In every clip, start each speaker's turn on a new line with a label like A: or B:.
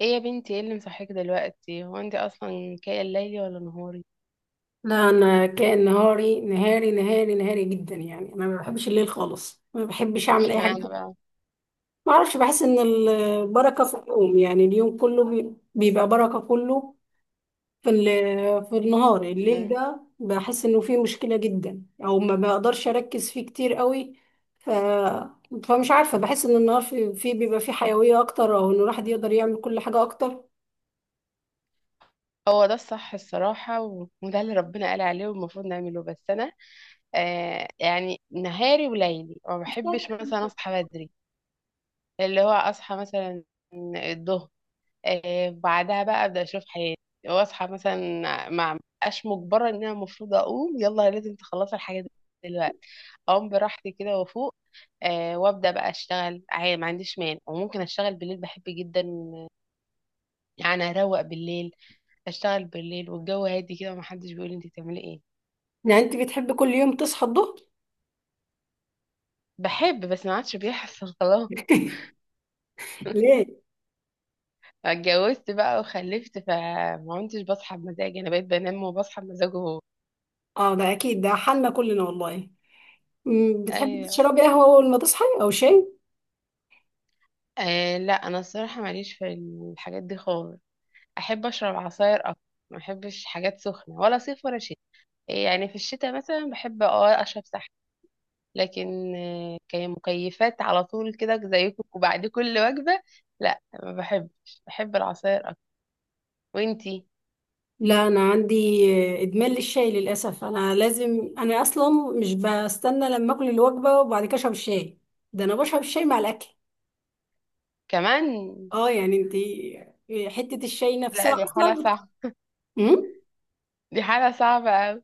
A: ايه يا بنتي، ايه اللي مصحيك دلوقتي؟ هو انت اصلا كاية ليلي ولا نهاري؟
B: لا، انا كان نهاري نهاري جدا. يعني انا ما بحبش الليل خالص، ما بحبش اعمل اي حاجه.
A: اشمعنى بقى؟
B: ما اعرفش، بحس ان البركه في اليوم، يعني اليوم كله بيبقى بركه كله. في النهار. الليل
A: مم.
B: ده بحس انه فيه مشكله جدا، او ما بقدرش اركز فيه كتير قوي. ف فمش عارفه، بحس ان النهار فيه في بيبقى فيه حيويه اكتر، او ان الواحد يقدر يعمل كل حاجه اكتر.
A: هو ده الصح الصراحة وده اللي ربنا قال عليه والمفروض نعمله. بس انا يعني نهاري وليلي، ما
B: مش
A: بحبش
B: عارفة.
A: مثلا اصحى بدري. اللي هو اصحى مثلا الظهر، بعدها بقى ابدا اشوف حياتي. واصحى مثلا ما ابقاش مجبره ان انا المفروض اقوم يلا لازم تخلصي الحاجه دلوقتي. اقوم براحتي كده وافوق. وابدا بقى اشتغل عادي، ما عنديش مانع. وممكن اشتغل بالليل، بحب جدا يعني اروق بالليل، اشتغل بالليل والجو هادي كده ومحدش بيقول لي انت بتعملي ايه.
B: يعني انت بتحبي كل يوم تصحى الظهر؟
A: بحب، بس ما عادش بيحصل خلاص،
B: ليه؟
A: اتجوزت بقى وخلفت فما عدتش بصحى بمزاجي. انا بقيت بنام وبصحى بمزاجه هو.
B: اه، ده اكيد ده حالنا كلنا والله. بتحبي
A: ايوه.
B: تشربي قهوة أول ما تصحي أو شاي؟
A: لا انا الصراحه ماليش في الحاجات دي خالص. احب اشرب عصاير اكتر. ما احبش حاجات سخنه، ولا صيف ولا شتاء. يعني في الشتاء مثلا بحب اشرب سحر. لكن كمكيفات على طول كده زيكم وبعد كل وجبه، لا ما بحبش. بحب العصاير اكتر. وانتي؟
B: لا، أنا عندي إدمان للشاي للأسف. أنا لازم، أنا أصلا مش بستنى لما أكل الوجبة وبعد كده أشرب الشاي، ده أنا بشرب الشاي مع الأكل.
A: كمان.
B: أه، يعني أنتي حتة الشاي
A: لا
B: نفسها
A: دي حاله
B: أصلا.
A: صعبه.
B: مم؟
A: دي حاله صعبه قوي.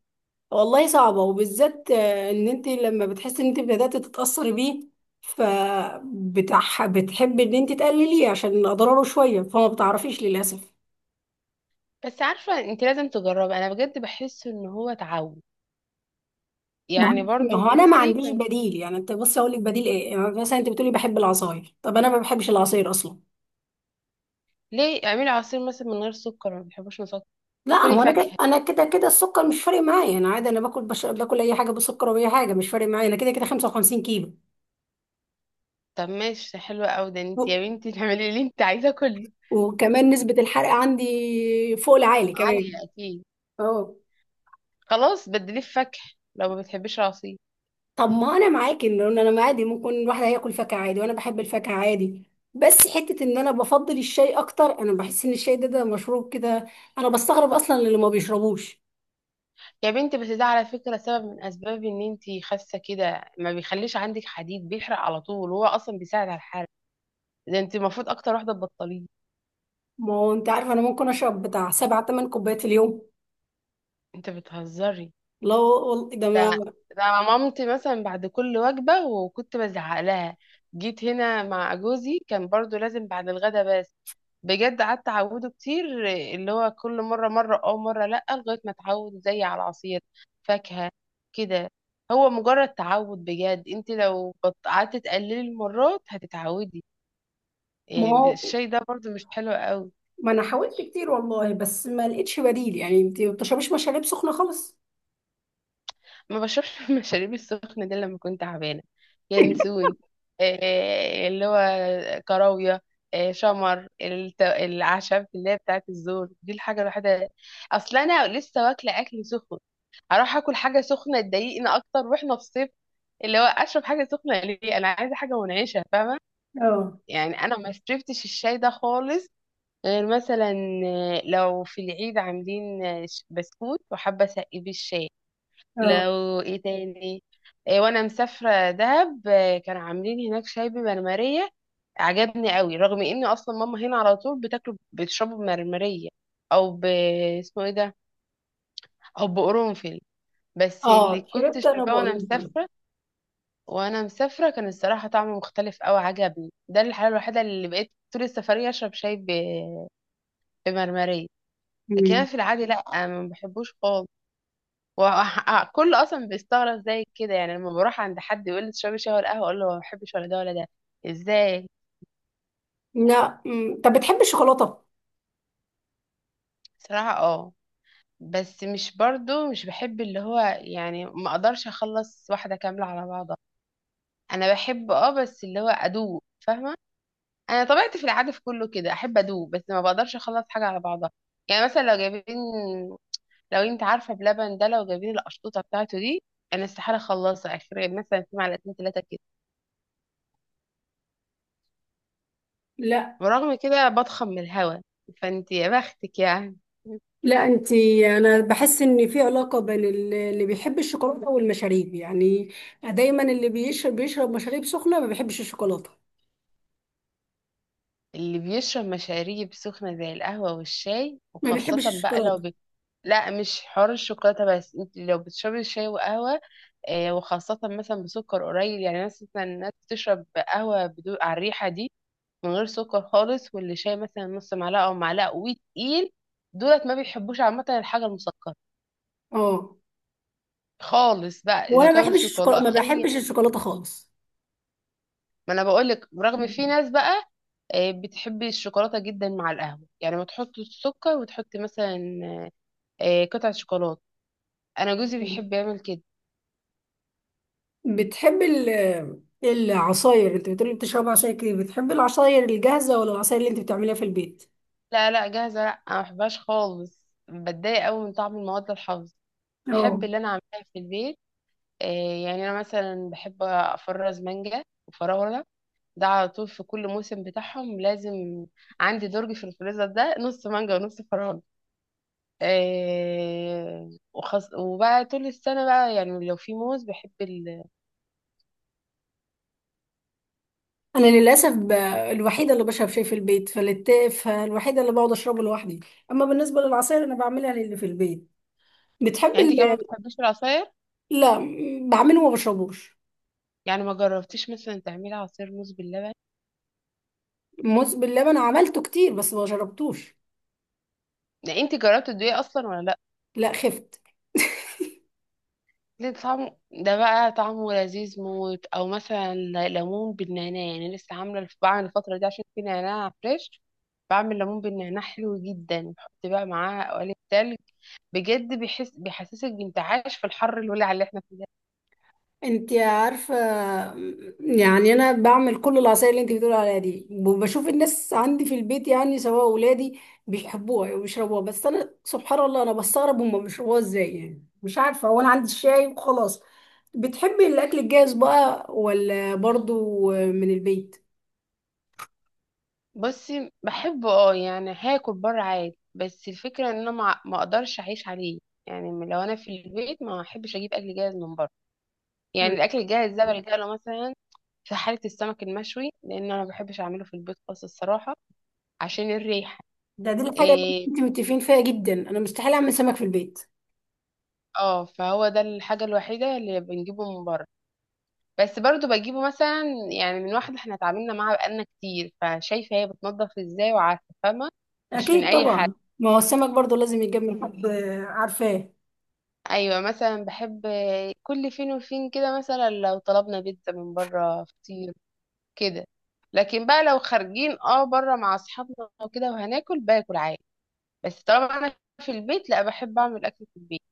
B: والله صعبة، وبالذات إن أنتي لما بتحسي إن أنتي بدأت تتأثري بيه، بتحبي إن أنتي تقلليه عشان أضراره شوية، فما بتعرفيش للأسف.
A: بس عارفه، انت لازم تجربي. انا بجد بحس ان هو تعود.
B: ما هو
A: يعني برضو
B: ما هو انا ما
A: جوزي
B: عنديش
A: كان.
B: بديل. يعني انت بصي اقول لك بديل ايه، يعني مثلا انت بتقولي بحب العصاير، طب انا ما بحبش العصاير اصلا.
A: ليه؟ اعملي عصير مثلا من غير سكر. ما بيحبوش؟
B: لا،
A: كلي
B: هو
A: فاكهة.
B: انا كده كده السكر مش فارق معايا، انا عادي، انا باكل باكل اي حاجه بسكر او اي حاجه، مش فارق معايا، انا كده كده 55 كيلو.
A: طب ماشي، حلوة أوي. ده
B: و...
A: انت يا بنتي تعملي اللي انت عايزاه كله.
B: وكمان نسبه الحرق عندي فوق العالي كمان.
A: عالية أكيد.
B: اه.
A: خلاص بدليه في فاكهة لو ما بتحبيش العصير.
B: طب، ما انا معاكي ان انا، أنا عادي ممكن الواحد هياكل فاكهه عادي، وانا بحب الفاكهه عادي. بس حته ان انا بفضل الشاي اكتر، انا بحس ان الشاي ده مشروب كده. انا بستغرب اصلا اللي ما بيشربوش.
A: يا بنتي بس ده على فكرة سبب من أسباب إن انت خاسة كده. ما بيخليش عندك حديد، بيحرق على طول، وهو أصلا بيساعد على الحرق. ده انت المفروض أكتر واحدة تبطليه.
B: ما هو انت عارفه انا ممكن اشرب بتاع سبع تمن كوبايات في اليوم.
A: انت بتهزري!
B: لا، وال- ده
A: ده
B: ما
A: ده مامتي مثلا بعد كل وجبة، وكنت بزعق لها. جيت هنا مع جوزي كان برضو لازم بعد الغدا بس. بجد قعدت اعوده كتير. اللي هو كل مره مره مره لا، لغايه ما اتعود زي على العصير، فاكهه كده. هو مجرد تعود. بجد انت لو قعدت تقللي المرات هتتعودي.
B: ما
A: إيه،
B: هو
A: الشاي ده برضو مش حلو قوي.
B: ما انا حاولت كتير والله، بس ما لقيتش بديل. يعني انت ما بتشربيش مشاريب سخنه خالص؟
A: ما بشربش المشاريب السخنه دي. لما كنت تعبانه، ينسون، إيه، اللي هو كراويه، إيه، شمر، الأعشاب اللي هي بتاعت الزور دي، الحاجة الوحيدة. أصل أنا لسه واكلة أكل سخن، اروح اكل حاجه سخنه تضايقني اكتر، واحنا في الصيف. اللي هو اشرب حاجه سخنه ليه؟ انا عايزه حاجه منعشه، فاهمه.
B: اه،
A: يعني انا ما شربتش الشاي ده خالص، غير مثلا لو في العيد عاملين بسكوت وحابه اسقي بيه الشاي.
B: اه،
A: لو ايه تاني، إيه، وانا مسافره دهب كانوا عاملين هناك شاي بمرمريه. عجبني قوي رغم ان اصلا ماما هنا على طول بتاكله بتشربه بمرمريه. او ب، اسمه ايه ده، او بقرنفل. بس اللي
B: اه،
A: كنت
B: شربت انا
A: شرباه وانا
B: بقول لك.
A: مسافره، وانا مسافره كان الصراحه طعمه مختلف قوي. عجبني، ده الحاله الوحيده اللي بقيت طول السفريه اشرب شاي بمرمريه. لكن انا
B: مم.
A: في العادي لا، ما بحبوش خالص. وكل اصلا بيستغرب زي كده، يعني لما بروح عند حد يقول لي تشربي شاي ولا قهوه، اقول له ما بحبش ولا ده ولا ده. ازاي؟
B: لا. مم. طب بتحبي الشوكولاته؟
A: صراحه اه، بس مش برضو مش بحب اللي هو يعني ما اقدرش اخلص واحده كامله على بعضها. انا بحب بس اللي هو ادوق، فاهمه. انا طبيعتي في العاده في كله كده احب ادوق، بس ما بقدرش اخلص حاجه على بعضها. يعني مثلا لو جايبين، لو انت عارفه بلبن ده، لو جايبين القشطوطه بتاعته دي، انا استحاله اخلصها، اخر مثلا في معلقتين ثلاثه كده.
B: لا،
A: ورغم كده بضخم من الهوا. فانت يا بختك يعني.
B: لا، انت، انا بحس ان في علاقه بين اللي بيحب الشوكولاته والمشاريب، يعني دايما اللي بيشرب بيشرب مشاريب سخنه ما بيحبش الشوكولاته،
A: اللي بيشرب مشاريب سخنه زي القهوه والشاي
B: ما
A: وخاصه
B: بيحبش
A: بقى لو
B: الشوكولاته.
A: بت... لا مش حوار الشوكولاته، بس انت لو بتشربي شاي وقهوه وخاصه مثلا بسكر قليل. يعني مثلا الناس بتشرب قهوه بدون، على الريحه دي، من غير سكر خالص. واللي شاي مثلا نص معلقه او معلقه وتقيل، دولت ما بيحبوش عامه الحاجه المسكره
B: اه،
A: خالص، بقى
B: هو
A: اذا
B: انا ما
A: كان
B: بحبش الشوكولاته،
A: شوكولاته
B: ما
A: اي.
B: بحبش الشوكولاته خالص.
A: ما انا بقول لك، برغم في ناس بقى بتحب الشوكولاته جدا مع القهوه، يعني ما تحط السكر وتحط مثلا قطعه شوكولاته. انا جوزي بيحب يعمل كده.
B: بتحب العصاير؟ انت بتقولي بتشرب عصاير كتير، بتحب العصاير الجاهزة ولا العصاير اللي انت بتعمليها في البيت؟
A: لا، لا جاهزه، لا انا ما بحبهاش خالص. بتضايق قوي من طعم المواد الحافظه. بحب
B: اه،
A: اللي انا عاملاها في البيت. يعني انا مثلا بحب افرز مانجا وفراوله. ده على طول في كل موسم بتاعهم لازم. عندي درج في الفريزر، ده نص مانجا ونص فراولة. وبقى طول السنة بقى، يعني لو في موز بحب ال...
B: انا للاسف الوحيده اللي بشرب شاي في البيت فالوحيده اللي بقعد اشربه لوحدي. اما بالنسبه للعصاير انا بعملها للي في البيت. بتحب
A: يعني انت
B: ال...
A: كمان بتحبيش العصاير؟
B: لا، بعمله وما بشربوش.
A: يعني ما جربتيش مثلا تعملي عصير موز باللبن؟
B: موز باللبن عملته كتير بس ما شربتوش.
A: يعني انت جربتي الدقيق اصلا ولا لا؟
B: لا خفت.
A: ليه؟ طعمه ده بقى طعمه لذيذ موت. او مثلا ليمون بالنعناع، يعني لسه عامله بعمل الفتره دي عشان في نعناع فريش. بعمل ليمون بالنعناع حلو جدا، بحط بقى معاه قوالب تلج. بجد بيحسسك بانتعاش في الحر الولع اللي احنا فيه ده.
B: انت عارفة، يعني انا بعمل كل العصاير اللي انت بتقول عليها دي، وبشوف الناس عندي في البيت، يعني سواء اولادي بيحبوها وبيشربوها، بس انا سبحان الله انا بستغرب هم بيشربوها ازاي. يعني مش عارفة، هو انا عندي الشاي وخلاص. بتحبي الاكل الجاهز بقى ولا برضو من البيت؟
A: بصي بحبه اه، يعني هاكل بره عادي. بس الفكره ان انا ما اقدرش اعيش عليه. يعني لو انا في البيت ما احبش اجيب اكل جاهز من بره.
B: مم.
A: يعني الاكل الجاهز ده بلجأ له مثلا في حالة السمك المشوي، لأن أنا ما بحبش أعمله في البيت خالص الصراحة، عشان الريحة.
B: ده دي الحاجة اللي
A: إيه،
B: انت متفقين فيها جدا، انا مستحيل اعمل سمك في البيت.
A: اه. فهو ده الحاجة الوحيدة اللي بنجيبه من بره. بس برضو بجيبه مثلا، يعني من واحدة احنا اتعاملنا معاها بقالنا كتير، فشايفة هي بتنضف ازاي، وعارفة فاهمة. مش من
B: اكيد
A: أي حد.
B: طبعا. ما هو السمك برضو لازم يتجمع حد عارفاه.
A: أيوة، مثلا بحب كل فين وفين كده، مثلا لو طلبنا بيتزا من بره، فطير كده. لكن بقى لو خارجين اه بره مع أصحابنا وكده وهناكل، باكل عادي. بس طالما أنا في البيت، لا، بحب أعمل أكل في البيت.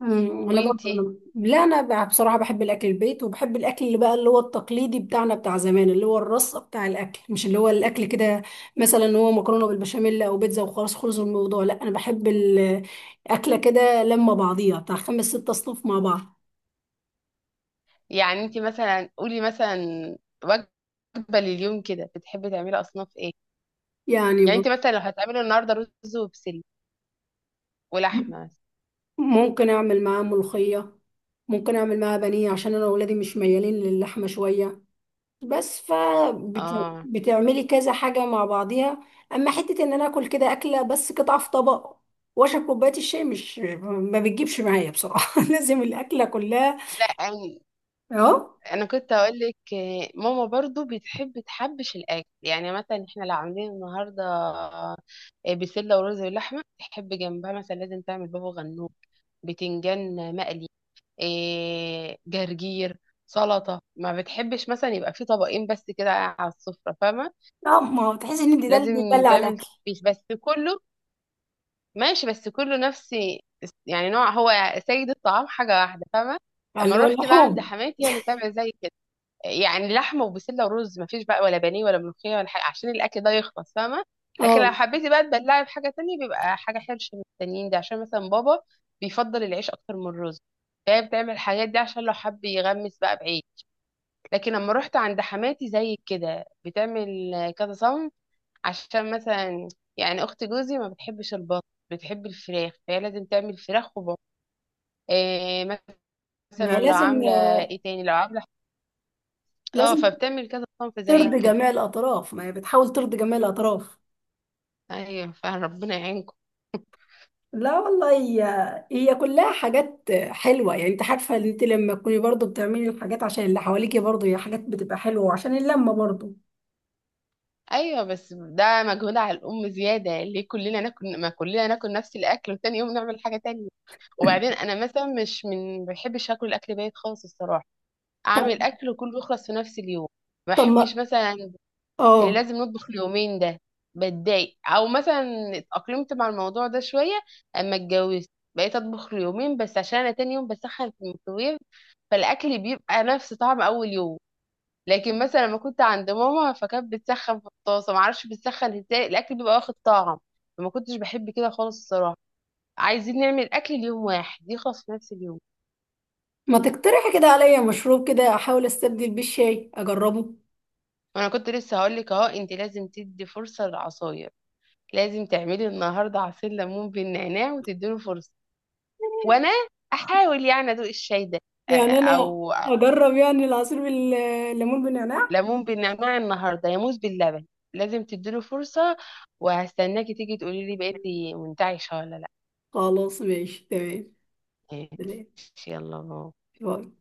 B: انا برضه
A: وانتي؟
B: انا، لا انا بصراحه بحب الاكل البيت، وبحب الاكل اللي بقى اللي هو التقليدي بتاعنا بتاع زمان، اللي هو الرصه بتاع الاكل، مش اللي هو الاكل كده مثلا، هو مكرونه بالبشاميل او بيتزا وخلاص خلص الموضوع. لا، انا بحب الاكله كده لما بعضيها بتاع خمس ست اصناف مع بعض.
A: يعني انتي مثلا قولي مثلا، وجبة لليوم كده بتحبي تعملي أصناف ايه؟
B: يعني
A: يعني
B: بص،
A: انتي مثلا لو هتعملي النهاردة رز وبسلة ولحمة مثلا.
B: ممكن اعمل معاه ملوخيه، ممكن اعمل معاه بانيه، عشان انا واولادي مش ميالين للحمه شويه، بس
A: اه،
B: فبتعملي كذا حاجة مع بعضيها. اما حتة ان انا اكل كده اكلة بس قطعة في طبق، واشرب كوباية الشاي، مش، ما بتجيبش معايا بصراحة. لازم الاكلة كلها.
A: لا أنا،
B: اه.
A: أنا كنت أقول لك. ماما برضو بتحب تحبش الأكل. يعني مثلا احنا لو عاملين النهاردة بسلة ورز ولحمة، تحب جنبها مثلا لازم تعمل بابا غنوج، بتنجان مقلي، جرجير، سلطة. ما بتحبش مثلا يبقى في طبقين بس كده على السفرة، فاهمة.
B: اه، ما هو تحس ان ده اللي
A: لازم
B: بيبلع
A: تعمل
B: الاكل،
A: تفتيش، بس كله ماشي، بس كله نفس يعني نوع. هو سيد الطعام حاجة واحدة، فاهمة. اما
B: اللي هو
A: رحت بقى عند
B: اللحوم.
A: حماتي هي اللي بتعمل زي كده. يعني لحمة وبسلة ورز، مفيش بقى ولا بانيه ولا ملوخية ولا حاجة، عشان الأكل ده يخلص، فاهمة. لكن لو
B: اه،
A: حبيتي بقى تبلعي بحاجة تانية بيبقى حاجة حرش من التانيين ده، عشان مثلا بابا بيفضل العيش أكتر من الرز، فهي بتعمل الحاجات دي عشان لو حب يغمس بقى بعيد. لكن لما رحت عند حماتي زي كده بتعمل كذا صنف، عشان مثلا يعني اخت جوزي ما بتحبش البط، بتحب الفراخ، فهي لازم تعمل فراخ وبط، إيه.
B: ما هي
A: مثلا لو
B: لازم،
A: عامله ايه تاني، لو عامله اه،
B: لازم
A: فبتعمل كذا صنف زي
B: ترضي
A: كده.
B: جميع الاطراف، ما هي بتحاول ترضي جميع الاطراف.
A: ايوه، فربنا يعينكم.
B: لا والله، هي هي كلها حاجات حلوه. يعني انت عارفه ان انت لما تكوني برضو بتعملي الحاجات عشان اللي حواليكي، برضو هي حاجات بتبقى حلوه، وعشان اللمه برضو.
A: ايوه بس ده مجهود على الام زياده. ليه كلنا ناكل، ما كلنا ناكل نفس الاكل وتاني يوم نعمل حاجه تانية. وبعدين انا مثلا مش من، ما بحبش اكل الاكل بايت خالص الصراحه.
B: طب
A: اعمل اكل وكله يخلص في نفس اليوم. ما
B: طب
A: بحبش
B: ما
A: مثلا اللي
B: اه
A: لازم نطبخ اليومين ده، بتضايق. او مثلا اتأقلمت مع الموضوع ده شوية اما اتجوزت، بقيت اطبخ اليومين بس عشان انا تاني يوم بسخن في الميكروويف، فالاكل بيبقى نفس طعم اول يوم. لكن مثلا لما كنت عند ماما فكانت بتسخن في الطاسة، معرفش بتسخن ازاي، الاكل بيبقى واخد طعم، فما كنتش بحب كده خالص الصراحة. عايزين نعمل اكل ليوم واحد يخلص في نفس اليوم.
B: ما تقترح كده عليا مشروب كده احاول استبدل بيه الشاي اجربه؟
A: وانا كنت لسه هقولك، اهو انت لازم تدي فرصة للعصاير. لازم تعملي النهارده عصير ليمون بالنعناع وتديله فرصة. وانا احاول يعني ادوق الشاي ده
B: يعني انا
A: او
B: اجرب يعني العصير بالليمون بالنعناع.
A: ليمون بالنعناع النهارده يا موز باللبن. لازم تديله فرصه. وهستناكي تيجي تقولي لي بقيتي منتعشه ولا لا.
B: خلاص، ماشي تمام. تمام.
A: ماشي، يلا باي.
B: باي.